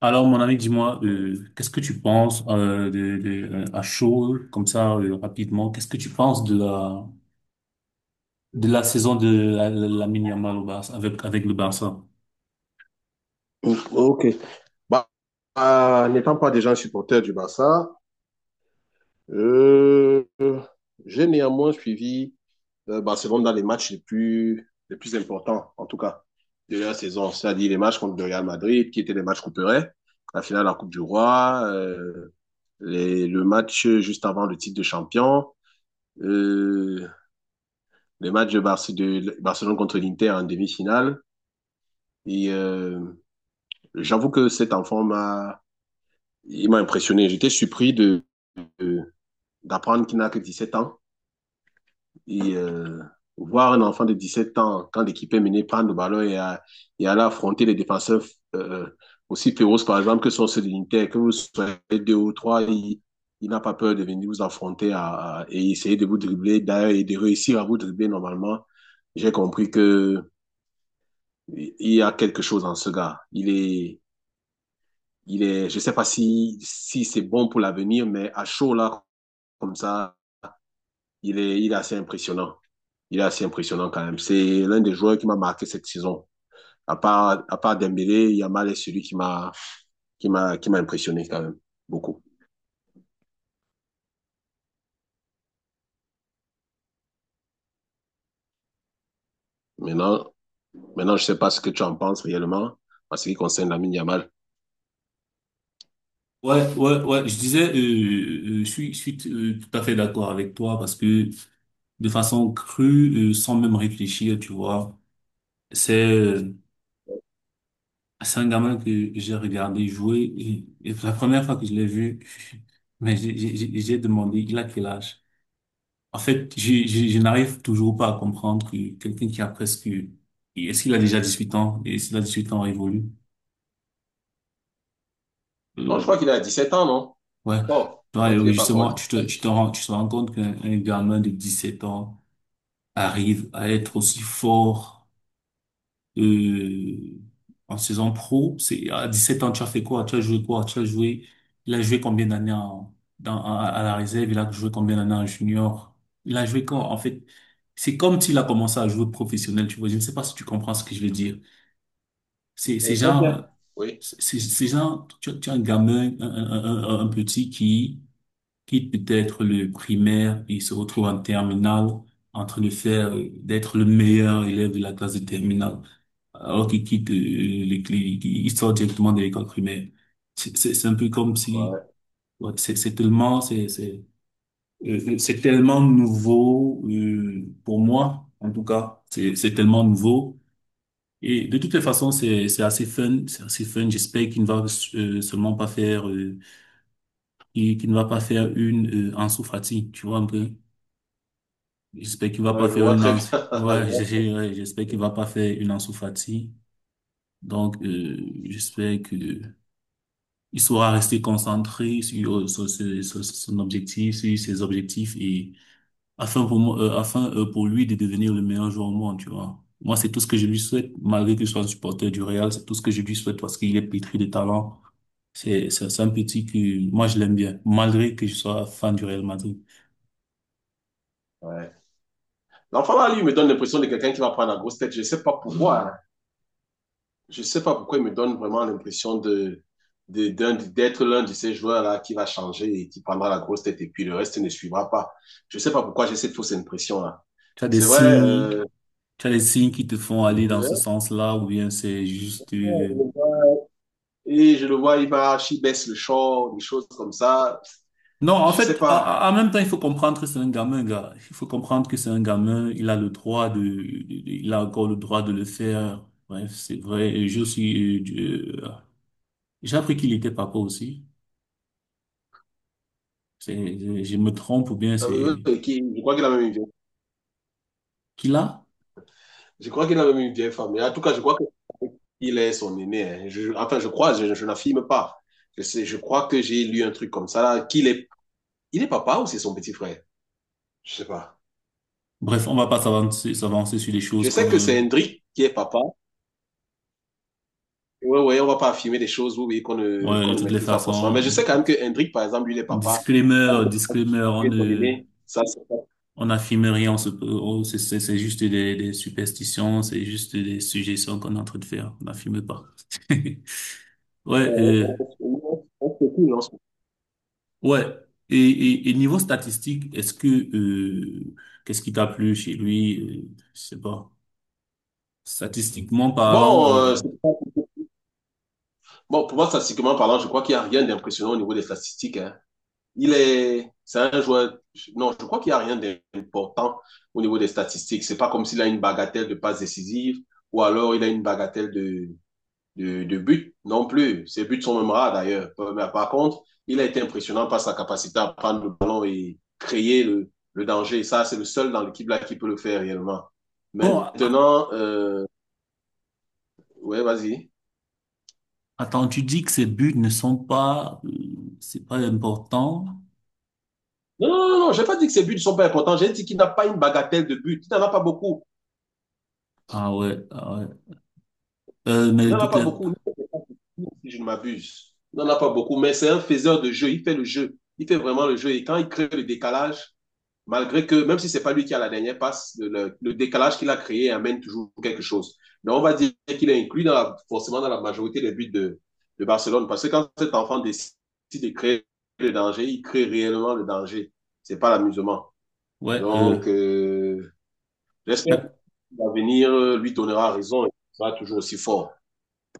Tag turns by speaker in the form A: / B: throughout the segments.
A: Alors, mon ami, dis-moi, qu'est-ce que tu penses à chaud, comme ça, rapidement, qu'est-ce que tu penses de la saison de Lamine Yamal au Barça, avec le Barça?
B: Ok. Bah, N'étant pas déjà un supporter du Barça, euh, j'ai néanmoins suivi Barcelone dans les matchs les plus importants, en tout cas, de la saison. C'est-à-dire les matchs contre le Real Madrid, qui étaient les matchs couperets, la finale de la Coupe du Roi, le match juste avant le titre de champion, euh, les matchs de Barcelone contre l'Inter en demi-finale. Et euh, j'avoue que il m'a impressionné. J'étais surpris d'apprendre qu'il n'a que 17 ans. Et euh, voir un enfant de 17 ans, quand l'équipe est menée, prendre le ballon et aller affronter les défenseurs euh, aussi féroces, par exemple, que sont ceux de l'Inter, que vous soyez deux ou trois, il n'a pas peur de venir vous affronter et essayer de vous dribbler, d'ailleurs, et de réussir à vous dribbler normalement. J'ai compris que il y a quelque chose en ce gars. Il est, je ne sais pas si c'est bon pour l'avenir, mais à chaud là, comme ça, il est assez impressionnant. Il est assez impressionnant quand même. C'est l'un des joueurs qui m'a marqué cette saison. À part Dembélé, Yamal est celui qui m'a impressionné quand même beaucoup. Maintenant, maintenant, je ne sais pas ce que tu en penses réellement en ce qui concerne Lamine Yamal.
A: Ouais, ouais, ouais, je disais, je suis tout à fait d'accord avec toi parce que de façon crue, sans même réfléchir, tu vois, c'est euh, c'est un gamin que j'ai regardé jouer et la première fois que je l'ai vu, mais j'ai demandé, il a quel âge? En fait, je n'arrive toujours pas à comprendre que quelqu'un qui a presque... Est-ce qu'il a déjà 18 ans? Et s'il a huit ans révolu?
B: Non, je crois
A: Euh,
B: qu'il a dix sept ans, non?
A: ouais.
B: Oh, je
A: Toi,
B: crois qu'il
A: et
B: n'est pas encore
A: justement,
B: 17.
A: tu te rends compte qu'un gamin de sept ans arrive à être aussi fort euh, en saison pro. C'est à 17 ans, tu as fait quoi? Tu as joué quoi? Tu as joué. Il a joué combien d'années en- dans, à la réserve? Il a joué combien d'années en junior? Il a joué quand? En fait, c'est comme s'il a commencé à jouer professionnel. Tu vois, je ne sais pas si tu comprends ce que je veux dire. C'est
B: Ouais,
A: c'est
B: très bien.
A: genre,
B: Oui,
A: c'est genre, tu as un gamin, un petit qui quitte peut-être le primaire et se retrouve en terminale en train de faire, d'être le meilleur élève de la classe de terminale alors qu'ils quittent les clés, ils sortent directement de l'école primaire. C'est un peu comme si,
B: ouais.
A: ouais, c'est tellement, c'est tellement nouveau pour moi, en tout cas, c'est tellement nouveau. Et de toutes les façons, c'est assez fun, c'est assez fun. J'espère qu'il ne va seulement pas faire, qu'il ne va pas faire une Ansu Fati, tu vois un peu. J'espère qu'il va pas
B: Ouais, je
A: faire
B: vois
A: une
B: très bien.
A: Ansu,
B: Je
A: ouais,
B: vois très
A: ouais, j'espère qu'il va
B: bien.
A: pas faire une Ansu Fati. Donc, j'espère que Il saura rester concentré sur, sur son objectif, sur ses objectifs et afin pour lui de devenir le meilleur joueur au monde, tu vois. Moi, c'est tout ce que je lui souhaite, malgré qu'il soit un supporter du Real, c'est tout ce que je lui souhaite parce qu'il est pétri de talent. C'est un petit que moi je l'aime bien, malgré que je sois fan du Real Madrid.
B: Ouais. L'enfant là, lui, il me donne l'impression de quelqu'un qui va prendre la grosse tête. Je ne sais pas pourquoi, hein. Je sais pas pourquoi il me donne vraiment l'impression de, d'être l'un de ces joueurs-là qui va changer et qui prendra la grosse tête et puis le reste ne suivra pas. Je sais pas pourquoi j'ai cette fausse impression-là.
A: Tu as des
B: C'est vrai,
A: signes, tu as des signes qui te font aller dans ce
B: ouais.
A: sens-là ou bien c'est juste
B: Et je le vois, il baisse le short, des choses comme ça.
A: non, en
B: Je sais
A: fait,
B: pas.
A: même temps, il faut comprendre que c'est un gamin, gars. Il faut comprendre que c'est un gamin. Il a le droit de, il a encore le droit de le faire. Bref, c'est vrai. Et je suis, euh, j'ai appris qu'il était papa aussi. C'est, je me trompe ou bien c'est
B: Je crois qu'il a même
A: qu'il a.
B: je crois qu'il a même une vieille femme. Mais en tout cas, je crois qu'il est son aîné, hein. Enfin, je crois, je n'affirme pas. Je sais, je crois que j'ai lu un truc comme ça, là, il est papa ou c'est son petit frère? Je sais pas.
A: Bref, on va pas s'avancer sur des
B: Je
A: choses
B: sais que c'est
A: comme,
B: Hendrik qui est papa. Ouais, ouais, on va pas affirmer des choses, oui, oui,
A: ouais, de
B: qu'on ne
A: toutes les
B: maîtrise pas forcément. Mais je
A: façons.
B: sais quand même que Hendrik, par exemple, lui, il est papa. Il a
A: Disclaimer, disclaimer,
B: tué son aîné. Ça, c'est pas-
A: on n'affirme rien, oh, c'est juste des superstitions, c'est juste des suggestions qu'on est en train de faire. On n'affirme pas. Ouais,
B: on se coule, on se coule.
A: ouais. Et niveau statistique, est-ce que qu'est-ce qui t'a plu chez lui? Je sais pas. Statistiquement parlant,
B: Bon, c'est pas- Bon, pour moi, statistiquement parlant, je crois qu'il n'y a rien d'impressionnant au niveau des statistiques, hein. C'est un joueur, non, je crois qu'il n'y a rien d'important au niveau des statistiques. C'est pas comme s'il a une bagatelle de passes décisives ou alors il a une bagatelle de but non plus. Ses buts sont même rares d'ailleurs. Mais par contre, il a été impressionnant par sa capacité à prendre le ballon et créer le danger. Ça, c'est le seul dans l'équipe là qui peut le faire réellement.
A: bon,
B: Maintenant, ouais, vas-y.
A: attends, tu dis que ses buts ne sont pas, c'est pas important.
B: Non, j'ai pas dit que ses buts ne sont pas importants. J'ai dit qu'il n'a pas une bagatelle de buts. Il n'en a pas beaucoup.
A: Ah ouais, ah ouais.
B: Il
A: Mais
B: n'en a
A: toutes
B: pas
A: les,
B: beaucoup. Si je ne m'abuse. Il n'en a pas beaucoup, mais c'est un faiseur de jeu. Il fait le jeu. Il fait vraiment le jeu. Et quand il crée le décalage, malgré que, même si c'est pas lui qui a la dernière passe, le décalage qu'il a créé amène toujours quelque chose. Donc, on va dire qu'il est inclus dans la, forcément dans la majorité des buts de Barcelone. Parce que quand cet enfant décide de créer le danger, il crée réellement le danger. C'est pas l'amusement.
A: ouais.
B: Donc, j'espère que l'avenir lui donnera raison et il sera toujours aussi fort.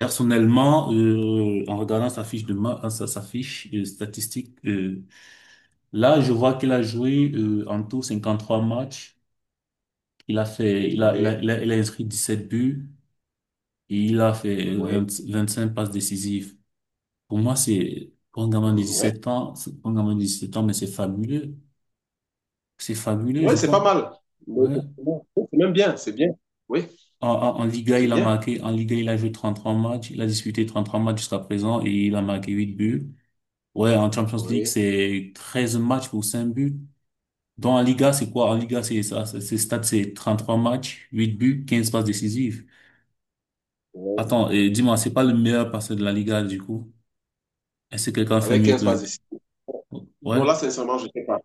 A: Personnellement, en regardant sa, sa fiche statistique, là, je vois qu'il a joué en tout 53 matchs. Il a fait, il a, il
B: Oui,
A: a, il a, il a inscrit 17 buts et il a fait
B: oui,
A: 25 passes décisives. Pour moi, c'est pour un gamin de
B: oui.
A: 17 ans, pour un gamin de 17 ans, mais c'est fabuleux. C'est fabuleux,
B: Oui,
A: je
B: c'est pas
A: pense.
B: mal. Mais
A: Ouais.
B: c'est même bien, c'est bien. Oui,
A: En Liga,
B: c'est
A: il a
B: bien.
A: marqué, en Liga, il a joué 33 matchs, il a disputé 33 matchs jusqu'à présent et il a marqué 8 buts. Ouais, en Champions League,
B: Oui.
A: c'est 13 matchs pour 5 buts. Dans la Liga, c'est quoi? En Liga, c'est ça, c'est stats, c'est 33 matchs, 8 buts, 15 passes décisives.
B: Oui.
A: Attends, et dis-moi, c'est pas le meilleur passeur de la Liga, du coup? Est-ce que quelqu'un fait
B: Avec
A: mieux que
B: 15
A: lui?
B: passes ici. Non, là,
A: Ouais,
B: sincèrement, je sais pas.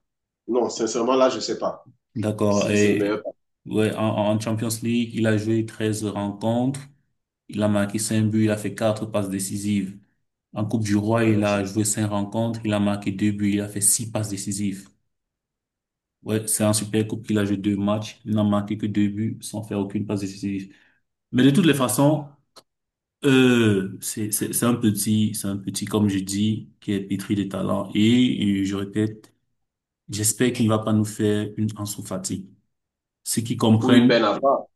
B: Non, sincèrement, là, je sais pas
A: d'accord.
B: si c'est le meilleur
A: Et,
B: parfum,
A: ouais, en Champions League, il a joué 13 rencontres, il a marqué 5 buts, il a fait 4 passes décisives. En Coupe du Roi,
B: hein.
A: il
B: C'est
A: a joué 5 rencontres, il a marqué 2 buts, il a fait 6 passes décisives. Ouais, c'est un super coup qu'il a joué 2 matchs. Il n'a marqué que 2 buts sans faire aucune passe décisive. Mais de toutes les façons, c'est un petit, comme je dis, qui est pétri de talent. Et, je répète, j'espère qu'il ne va pas nous faire une Ansu Fati. Ceux qui
B: pour une
A: comprennent,
B: belle enfant,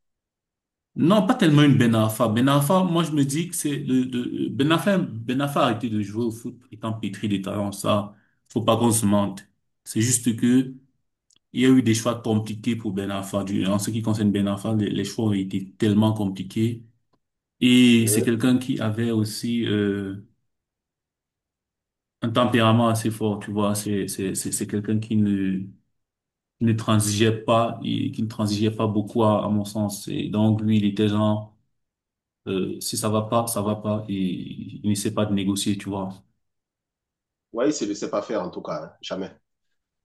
A: non, pas tellement une Ben Arfa. Ben Arfa, moi, je me dis que c'est Ben Arfa, Ben Arfa a arrêté de jouer au foot étant pétri de talent. Ça, faut pas qu'on se mente. C'est juste que, il y a eu des choix compliqués pour Ben Arfa. En ce qui concerne Ben Arfa, les choix ont été tellement compliqués. Et c'est
B: hein.
A: quelqu'un qui avait aussi un tempérament assez fort, tu vois. C'est quelqu'un qui ne transigeait pas, et qui ne transigeait pas beaucoup à mon sens. Et donc lui, il était genre si ça va pas, ça va pas. Et il n'essaie pas de négocier, tu vois.
B: Ouais, il ne le sait pas faire, en tout cas, hein. Jamais.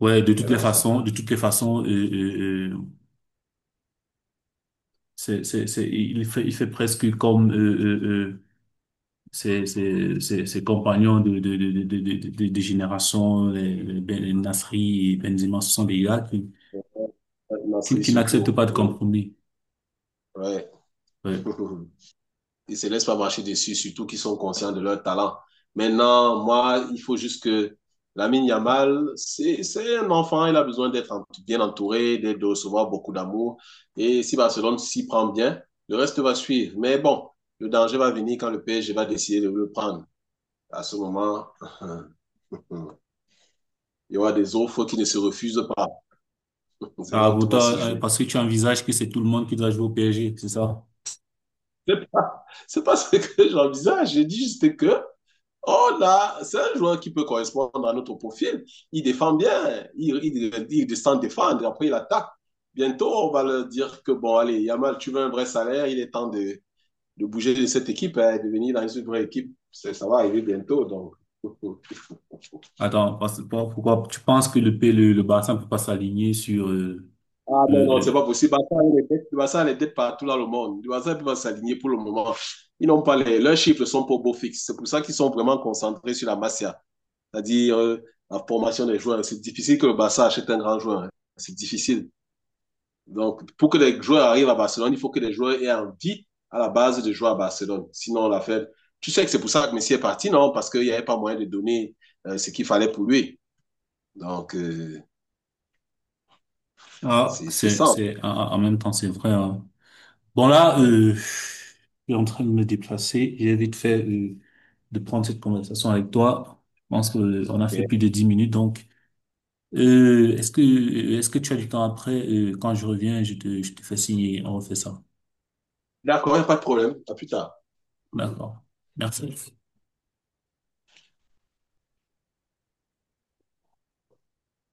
A: Ouais, de toutes
B: Belle
A: les
B: enfant.
A: façons, de toutes les façons, c'est il fait presque comme ses compagnons de, de génération, les Nasri et Benzema, ce sont des gars
B: Une
A: qui n'acceptent
B: surtout.
A: pas de
B: Oui.
A: compromis.
B: Ouais.
A: Ouais.
B: Ils ne se laissent pas marcher dessus, surtout qu'ils sont conscients de leur talent. Maintenant, moi, il faut juste que Lamine Yamal, c'est un enfant, il a besoin bien entouré, de recevoir beaucoup d'amour. Et si Barcelone s'y prend bien, le reste va suivre. Mais bon, le danger va venir quand le PSG va décider de le prendre. À ce moment, il y aura des offres qui ne se refusent pas. C'est
A: Ah,
B: là où
A: pour
B: tout va se
A: toi,
B: jouer.
A: parce que tu envisages que c'est tout le monde qui doit jouer au PSG, c'est ça?
B: C'est pas ce que j'envisage. J'ai dit juste que, oh là, c'est un joueur qui peut correspondre à notre profil. Il défend bien, il descend défendre, après il attaque. Bientôt, on va leur dire que, bon, allez, Yamal, tu veux un vrai salaire, il est temps de bouger de cette équipe et hein, de venir dans une vraie équipe. Ça va arriver bientôt, donc.
A: Attends, pourquoi tu penses que le Barça ne peut pas s'aligner sur...
B: Ah
A: euh,
B: non, non, c'est pas
A: euh,
B: possible. Barça a les dettes partout dans le monde. Barça ne peut pas s'aligner pour le moment. Ils n'ont pas les, leurs chiffres sont pas au beau fixe. C'est pour ça qu'ils sont vraiment concentrés sur la Masia, c'est-à-dire la formation des joueurs. C'est difficile que le Barça achète un grand joueur, hein. C'est difficile. Donc, pour que les joueurs arrivent à Barcelone, il faut que les joueurs aient envie à la base de jouer à Barcelone. Sinon, la fait. Tu sais que c'est pour ça que Messi est parti, non? Parce qu'il n'y avait pas moyen de donner ce qu'il fallait pour lui. Donc, euh,
A: ah,
B: c'est c'est ça.
A: ah, en même temps, c'est vrai. Hein. Bon, là,
B: Ouais,
A: je suis en train de me déplacer. J'ai vite fait... de prendre cette conversation avec toi. Je pense qu'on a
B: ok.
A: fait plus de 10 minutes, donc est-ce que tu as du temps après? Quand je reviens, je te fais signer, on refait ça.
B: D'accord, il n'y a pas de problème. À plus tard. Mhm.
A: D'accord. Merci.